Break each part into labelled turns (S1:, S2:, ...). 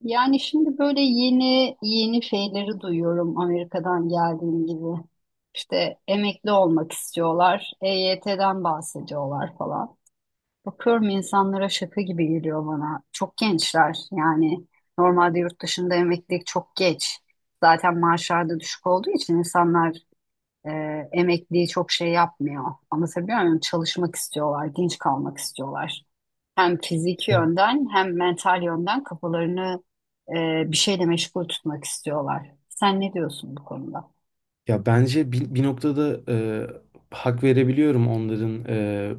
S1: Yani şimdi böyle yeni yeni şeyleri duyuyorum Amerika'dan geldiğim gibi. İşte emekli olmak istiyorlar, EYT'den bahsediyorlar falan. Bakıyorum insanlara şaka gibi geliyor bana. Çok gençler yani normalde yurt dışında emeklilik çok geç. Zaten maaşlar da düşük olduğu için insanlar e, emekliyi çok şey yapmıyor. Anlatabiliyor muyum? Çalışmak istiyorlar, genç kalmak istiyorlar hem fiziki yönden hem mental yönden kafalarını bir şeyle meşgul tutmak istiyorlar. Sen ne diyorsun bu konuda?
S2: Ya bence bir noktada hak verebiliyorum onların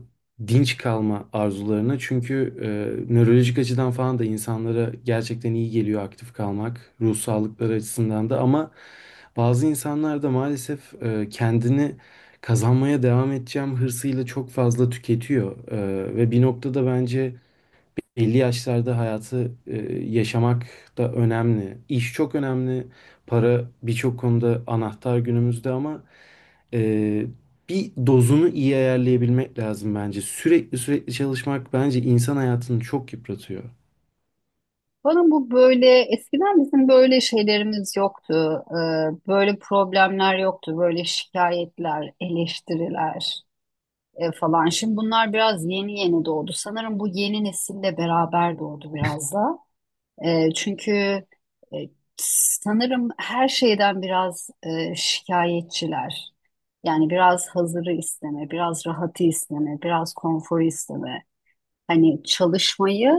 S2: dinç kalma arzularına. Çünkü nörolojik açıdan falan da insanlara gerçekten iyi geliyor aktif kalmak, ruh sağlıkları açısından da. Ama bazı insanlar da maalesef kendini kazanmaya devam edeceğim hırsıyla çok fazla tüketiyor. Ve bir noktada bence 50 yaşlarda hayatı yaşamak da önemli. İş çok önemli. Para birçok konuda anahtar günümüzde ama e, bir dozunu iyi ayarlayabilmek lazım bence. Sürekli sürekli çalışmak bence insan hayatını çok yıpratıyor.
S1: Bana bu böyle eskiden bizim böyle şeylerimiz yoktu. Böyle problemler yoktu. Böyle şikayetler, eleştiriler falan. Şimdi bunlar biraz yeni yeni doğdu. Sanırım bu yeni nesille beraber doğdu biraz da. Çünkü e, sanırım her şeyden biraz şikayetçiler. Yani biraz hazırı isteme, biraz rahatı isteme, biraz konforu isteme. Hani çalışmayı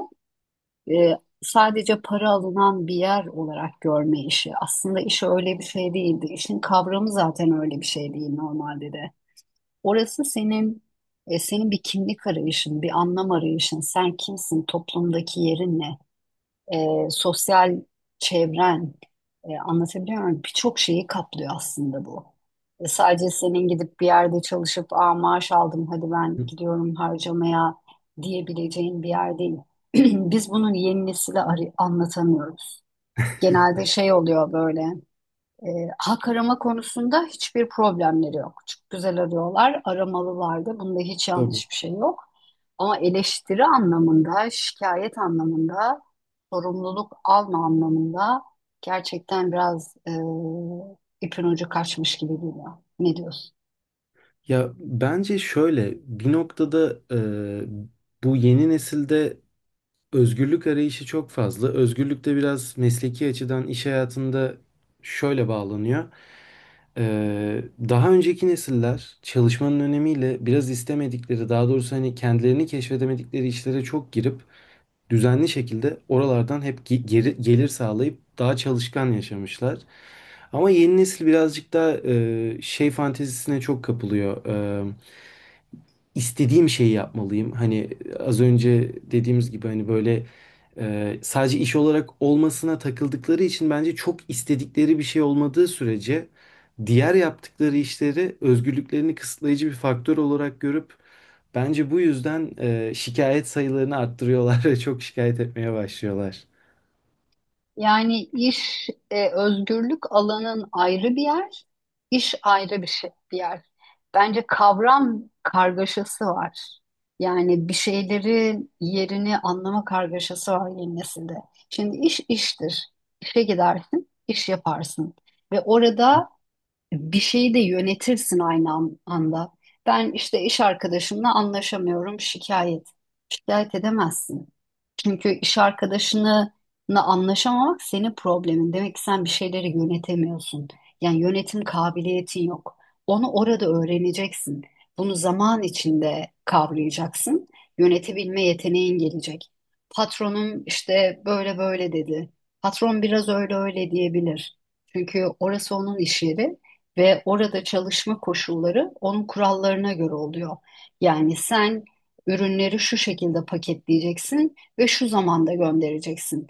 S1: e, sadece para alınan bir yer olarak görme işi. Aslında iş öyle bir şey değildi. İşin kavramı zaten öyle bir şey değil normalde de. Orası senin bir kimlik arayışın, bir anlam arayışın. Sen kimsin, toplumdaki yerin ne? Sosyal çevren, anlatabiliyor muyum? Birçok şeyi kaplıyor aslında bu. Sadece senin gidip bir yerde çalışıp Aa, maaş aldım hadi ben gidiyorum harcamaya diyebileceğin bir yer değil. Biz bunun yeni nesile anlatamıyoruz. Genelde şey oluyor böyle e, hak arama konusunda hiçbir problemleri yok. Çok güzel arıyorlar, aramalılar da bunda hiç
S2: Tabii.
S1: yanlış bir şey yok. Ama eleştiri anlamında, şikayet anlamında, sorumluluk alma anlamında gerçekten biraz ipin ucu kaçmış gibi geliyor. Ne diyorsun?
S2: Ya bence şöyle bir noktada bu yeni nesilde özgürlük arayışı çok fazla. Özgürlük de biraz mesleki açıdan iş hayatında şöyle bağlanıyor. Ee, Daha önceki nesiller çalışmanın önemiyle biraz istemedikleri, daha doğrusu hani kendilerini keşfedemedikleri işlere çok girip düzenli şekilde oralardan hep geri, gelir sağlayıp daha çalışkan yaşamışlar. Ama yeni nesil birazcık daha şey fantezisine çok kapılıyor. Ee, istediğim şeyi yapmalıyım. Hani az önce dediğimiz gibi hani böyle sadece iş olarak olmasına takıldıkları için bence çok istedikleri bir şey olmadığı sürece diğer yaptıkları işleri özgürlüklerini kısıtlayıcı bir faktör olarak görüp bence bu yüzden şikayet sayılarını arttırıyorlar ve çok şikayet etmeye başlıyorlar.
S1: Yani iş özgürlük alanın ayrı bir yer, iş ayrı bir şey, bir yer. Bence kavram kargaşası var. Yani bir şeylerin yerini anlama kargaşası var yeni nesilde. Şimdi iş iştir. İşe gidersin, iş yaparsın. Ve orada bir şeyi de yönetirsin aynı anda. Ben işte iş arkadaşımla anlaşamıyorum, şikayet. Şikayet edemezsin. Çünkü iş arkadaşınla anlaşamamak senin problemin. Demek ki sen bir şeyleri yönetemiyorsun. Yani yönetim kabiliyetin yok. Onu orada öğreneceksin. Bunu zaman içinde kavrayacaksın. Yönetebilme yeteneğin gelecek. Patronum işte böyle böyle dedi. Patron biraz öyle öyle diyebilir. Çünkü orası onun iş yeri ve orada çalışma koşulları onun kurallarına göre oluyor. Yani sen ürünleri şu şekilde paketleyeceksin ve şu zamanda göndereceksin.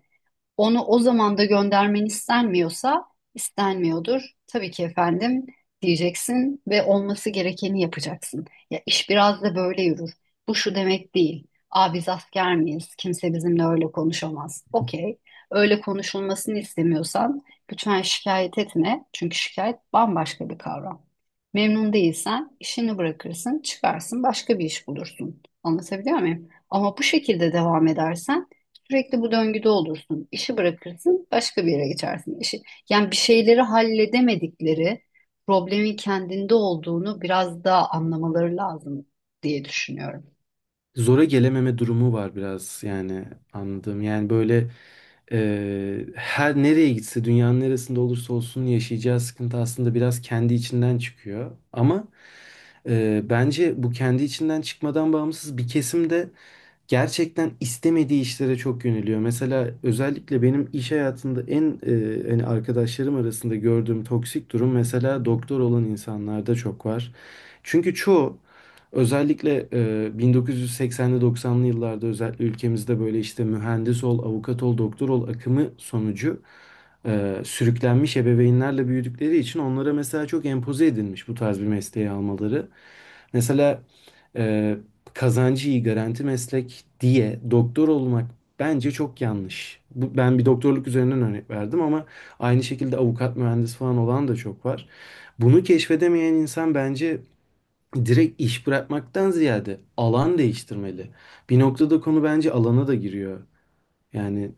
S1: Onu o zamanda göndermen istenmiyorsa istenmiyordur. Tabii ki efendim diyeceksin ve olması gerekeni yapacaksın. Ya iş biraz da böyle yürür. Bu şu demek değil. Aa biz asker miyiz? Kimse bizimle öyle konuşamaz. Okey. Öyle konuşulmasını istemiyorsan lütfen şikayet etme. Çünkü şikayet bambaşka bir kavram. Memnun değilsen işini bırakırsın, çıkarsın, başka bir iş bulursun. Anlatabiliyor muyum? Ama bu şekilde devam edersen sürekli bu döngüde olursun. İşi bırakırsın, başka bir yere geçersin. İşi, yani bir şeyleri halledemedikleri problemin kendinde olduğunu biraz daha anlamaları lazım diye düşünüyorum.
S2: Zora gelememe durumu var biraz yani anladığım. Yani böyle her nereye gitse dünyanın neresinde olursa olsun yaşayacağı sıkıntı aslında biraz kendi içinden çıkıyor. Ama bence bu kendi içinden çıkmadan bağımsız bir kesim de gerçekten istemediği işlere çok yöneliyor. Mesela özellikle benim iş hayatında en hani arkadaşlarım arasında gördüğüm toksik durum mesela doktor olan insanlarda çok var. Çünkü çoğu özellikle 1980'li 90'lı yıllarda özellikle ülkemizde böyle işte mühendis ol, avukat ol, doktor ol akımı sonucu sürüklenmiş ebeveynlerle büyüdükleri için onlara mesela çok empoze edilmiş bu tarz bir mesleği almaları. Mesela e, kazancı iyi garanti meslek diye doktor olmak bence çok yanlış. Bu, ben bir doktorluk üzerinden örnek verdim ama aynı şekilde avukat, mühendis falan olan da çok var. Bunu keşfedemeyen insan bence direkt iş bırakmaktan ziyade alan değiştirmeli. Bir noktada konu bence alana da giriyor. Yani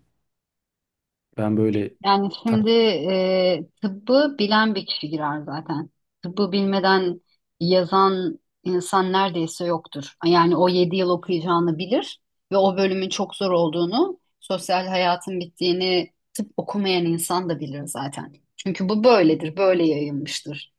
S2: ben böyle
S1: Yani
S2: ta-
S1: şimdi tıbbı bilen bir kişi girer zaten. Tıbbı bilmeden yazan insan neredeyse yoktur. Yani o 7 yıl okuyacağını bilir ve o bölümün çok zor olduğunu, sosyal hayatın bittiğini tıp okumayan insan da bilir zaten. Çünkü bu böyledir, böyle yayılmıştır.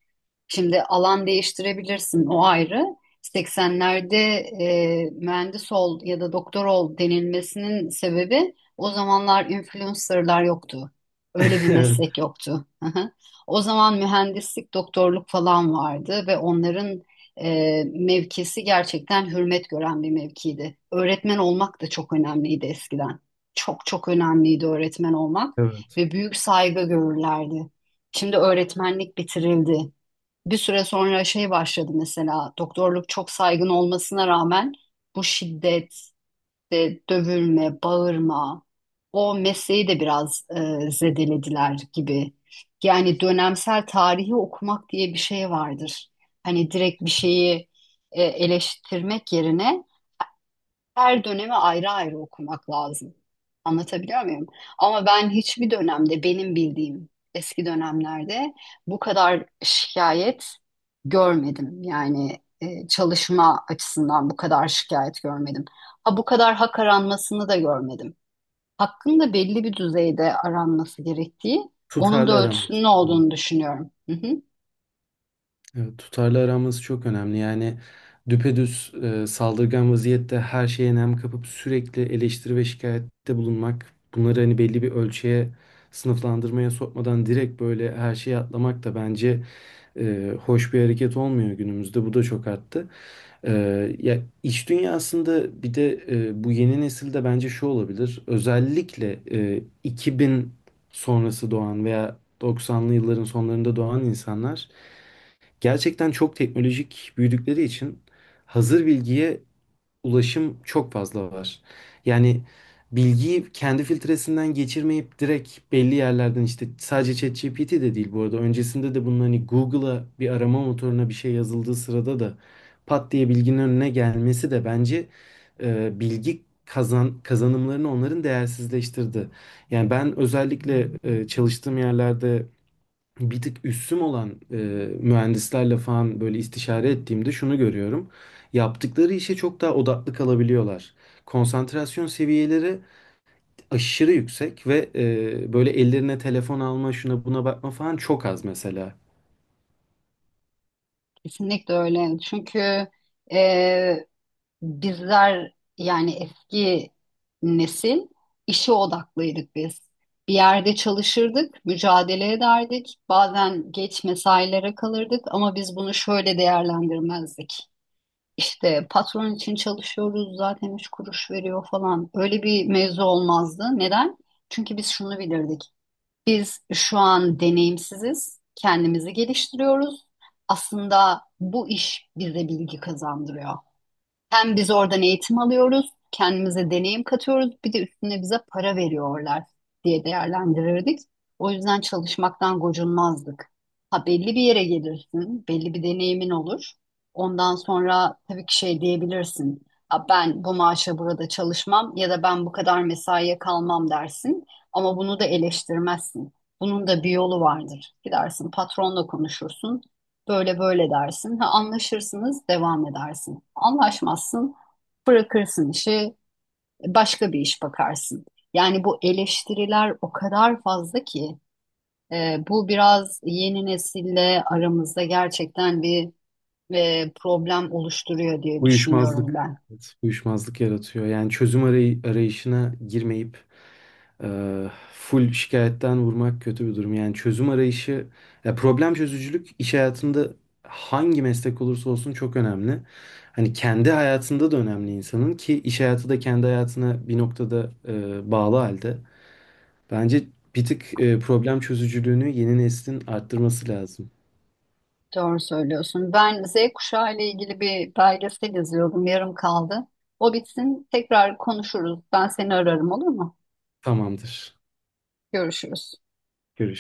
S1: Şimdi alan değiştirebilirsin o ayrı. 80'lerde mühendis ol ya da doktor ol denilmesinin sebebi o zamanlar influencerlar yoktu. Öyle bir meslek yoktu. Hı hı. O zaman mühendislik, doktorluk falan vardı ve onların mevkisi gerçekten hürmet gören bir mevkiydi. Öğretmen olmak da çok önemliydi eskiden. Çok çok önemliydi öğretmen olmak
S2: Evet.
S1: ve büyük saygı görürlerdi. Şimdi öğretmenlik bitirildi, bir süre sonra şey başladı, mesela doktorluk çok saygın olmasına rağmen bu şiddet, işte dövülme, bağırma o mesleği de biraz zedelediler gibi. Yani dönemsel tarihi okumak diye bir şey vardır. Hani direkt bir şeyi eleştirmek yerine her dönemi ayrı ayrı okumak lazım. Anlatabiliyor muyum? Ama ben hiçbir dönemde, benim bildiğim eski dönemlerde, bu kadar şikayet görmedim. Yani çalışma açısından bu kadar şikayet görmedim. Ha, bu kadar hak aranmasını da görmedim. Hakkın da belli bir düzeyde aranması gerektiği, onun
S2: Tutarlı
S1: da ölçüsünün
S2: aramız.
S1: olduğunu düşünüyorum. Hı hı.
S2: Evet, tutarlı aramız çok önemli. Yani düpedüz saldırgan vaziyette her şeye nem kapıp sürekli eleştiri ve şikayette bulunmak, bunları hani belli bir ölçüye sınıflandırmaya sokmadan direkt böyle her şeye atlamak da bence hoş bir hareket olmuyor günümüzde. Bu da çok arttı. E, Ya iş dünyasında bir de bu yeni nesilde bence şu olabilir. Özellikle 2000 sonrası doğan veya 90'lı yılların sonlarında doğan insanlar gerçekten çok teknolojik büyüdükleri için hazır bilgiye ulaşım çok fazla var. Yani bilgiyi kendi filtresinden geçirmeyip direkt belli yerlerden işte sadece ChatGPT de değil bu arada öncesinde de bunun hani Google'a bir arama motoruna bir şey yazıldığı sırada da pat diye bilginin önüne gelmesi de bence bilgi kazanımlarını onların değersizleştirdi. Yani ben özellikle çalıştığım yerlerde bir tık üssüm olan mühendislerle falan böyle istişare ettiğimde şunu görüyorum. Yaptıkları işe çok daha odaklı kalabiliyorlar. Konsantrasyon seviyeleri aşırı yüksek ve böyle ellerine telefon alma, şuna buna bakma falan çok az mesela.
S1: Kesinlikle öyle. Çünkü e, bizler yani eski nesil işe odaklıydık biz. Bir yerde çalışırdık, mücadele ederdik. Bazen geç mesailere kalırdık ama biz bunu şöyle değerlendirmezdik. İşte patron için çalışıyoruz zaten, üç kuruş veriyor falan. Öyle bir mevzu olmazdı. Neden? Çünkü biz şunu bilirdik. Biz şu an deneyimsiziz, kendimizi geliştiriyoruz. Aslında bu iş bize bilgi kazandırıyor. Hem biz oradan eğitim alıyoruz, kendimize deneyim katıyoruz, bir de üstüne bize para veriyorlar diye değerlendirirdik. O yüzden çalışmaktan gocunmazdık. Ha, belli bir yere gelirsin, belli bir deneyimin olur. Ondan sonra tabii ki şey diyebilirsin. Ha, ben bu maaşa burada çalışmam ya da ben bu kadar mesaiye kalmam dersin. Ama bunu da eleştirmezsin. Bunun da bir yolu vardır. Gidersin patronla konuşursun. Böyle böyle dersin. Ha, anlaşırsınız, devam edersin. Anlaşmazsın, bırakırsın işi, başka bir iş bakarsın. Yani bu eleştiriler o kadar fazla ki bu biraz yeni nesille aramızda gerçekten bir problem oluşturuyor diye düşünüyorum
S2: Uyuşmazlık,
S1: ben.
S2: evet, uyuşmazlık yaratıyor. Yani çözüm arayışına girmeyip full şikayetten vurmak kötü bir durum. Yani çözüm arayışı, ya problem çözücülük iş hayatında hangi meslek olursa olsun çok önemli. Hani kendi hayatında da önemli insanın ki iş hayatı da kendi hayatına bir noktada bağlı halde. Bence bir tık problem çözücülüğünü yeni neslin arttırması lazım.
S1: Doğru söylüyorsun. Ben Z kuşağı ile ilgili bir belgesel izliyordum, yarım kaldı. O bitsin, tekrar konuşuruz. Ben seni ararım, olur mu?
S2: Tamamdır.
S1: Görüşürüz.
S2: Görüşürüz.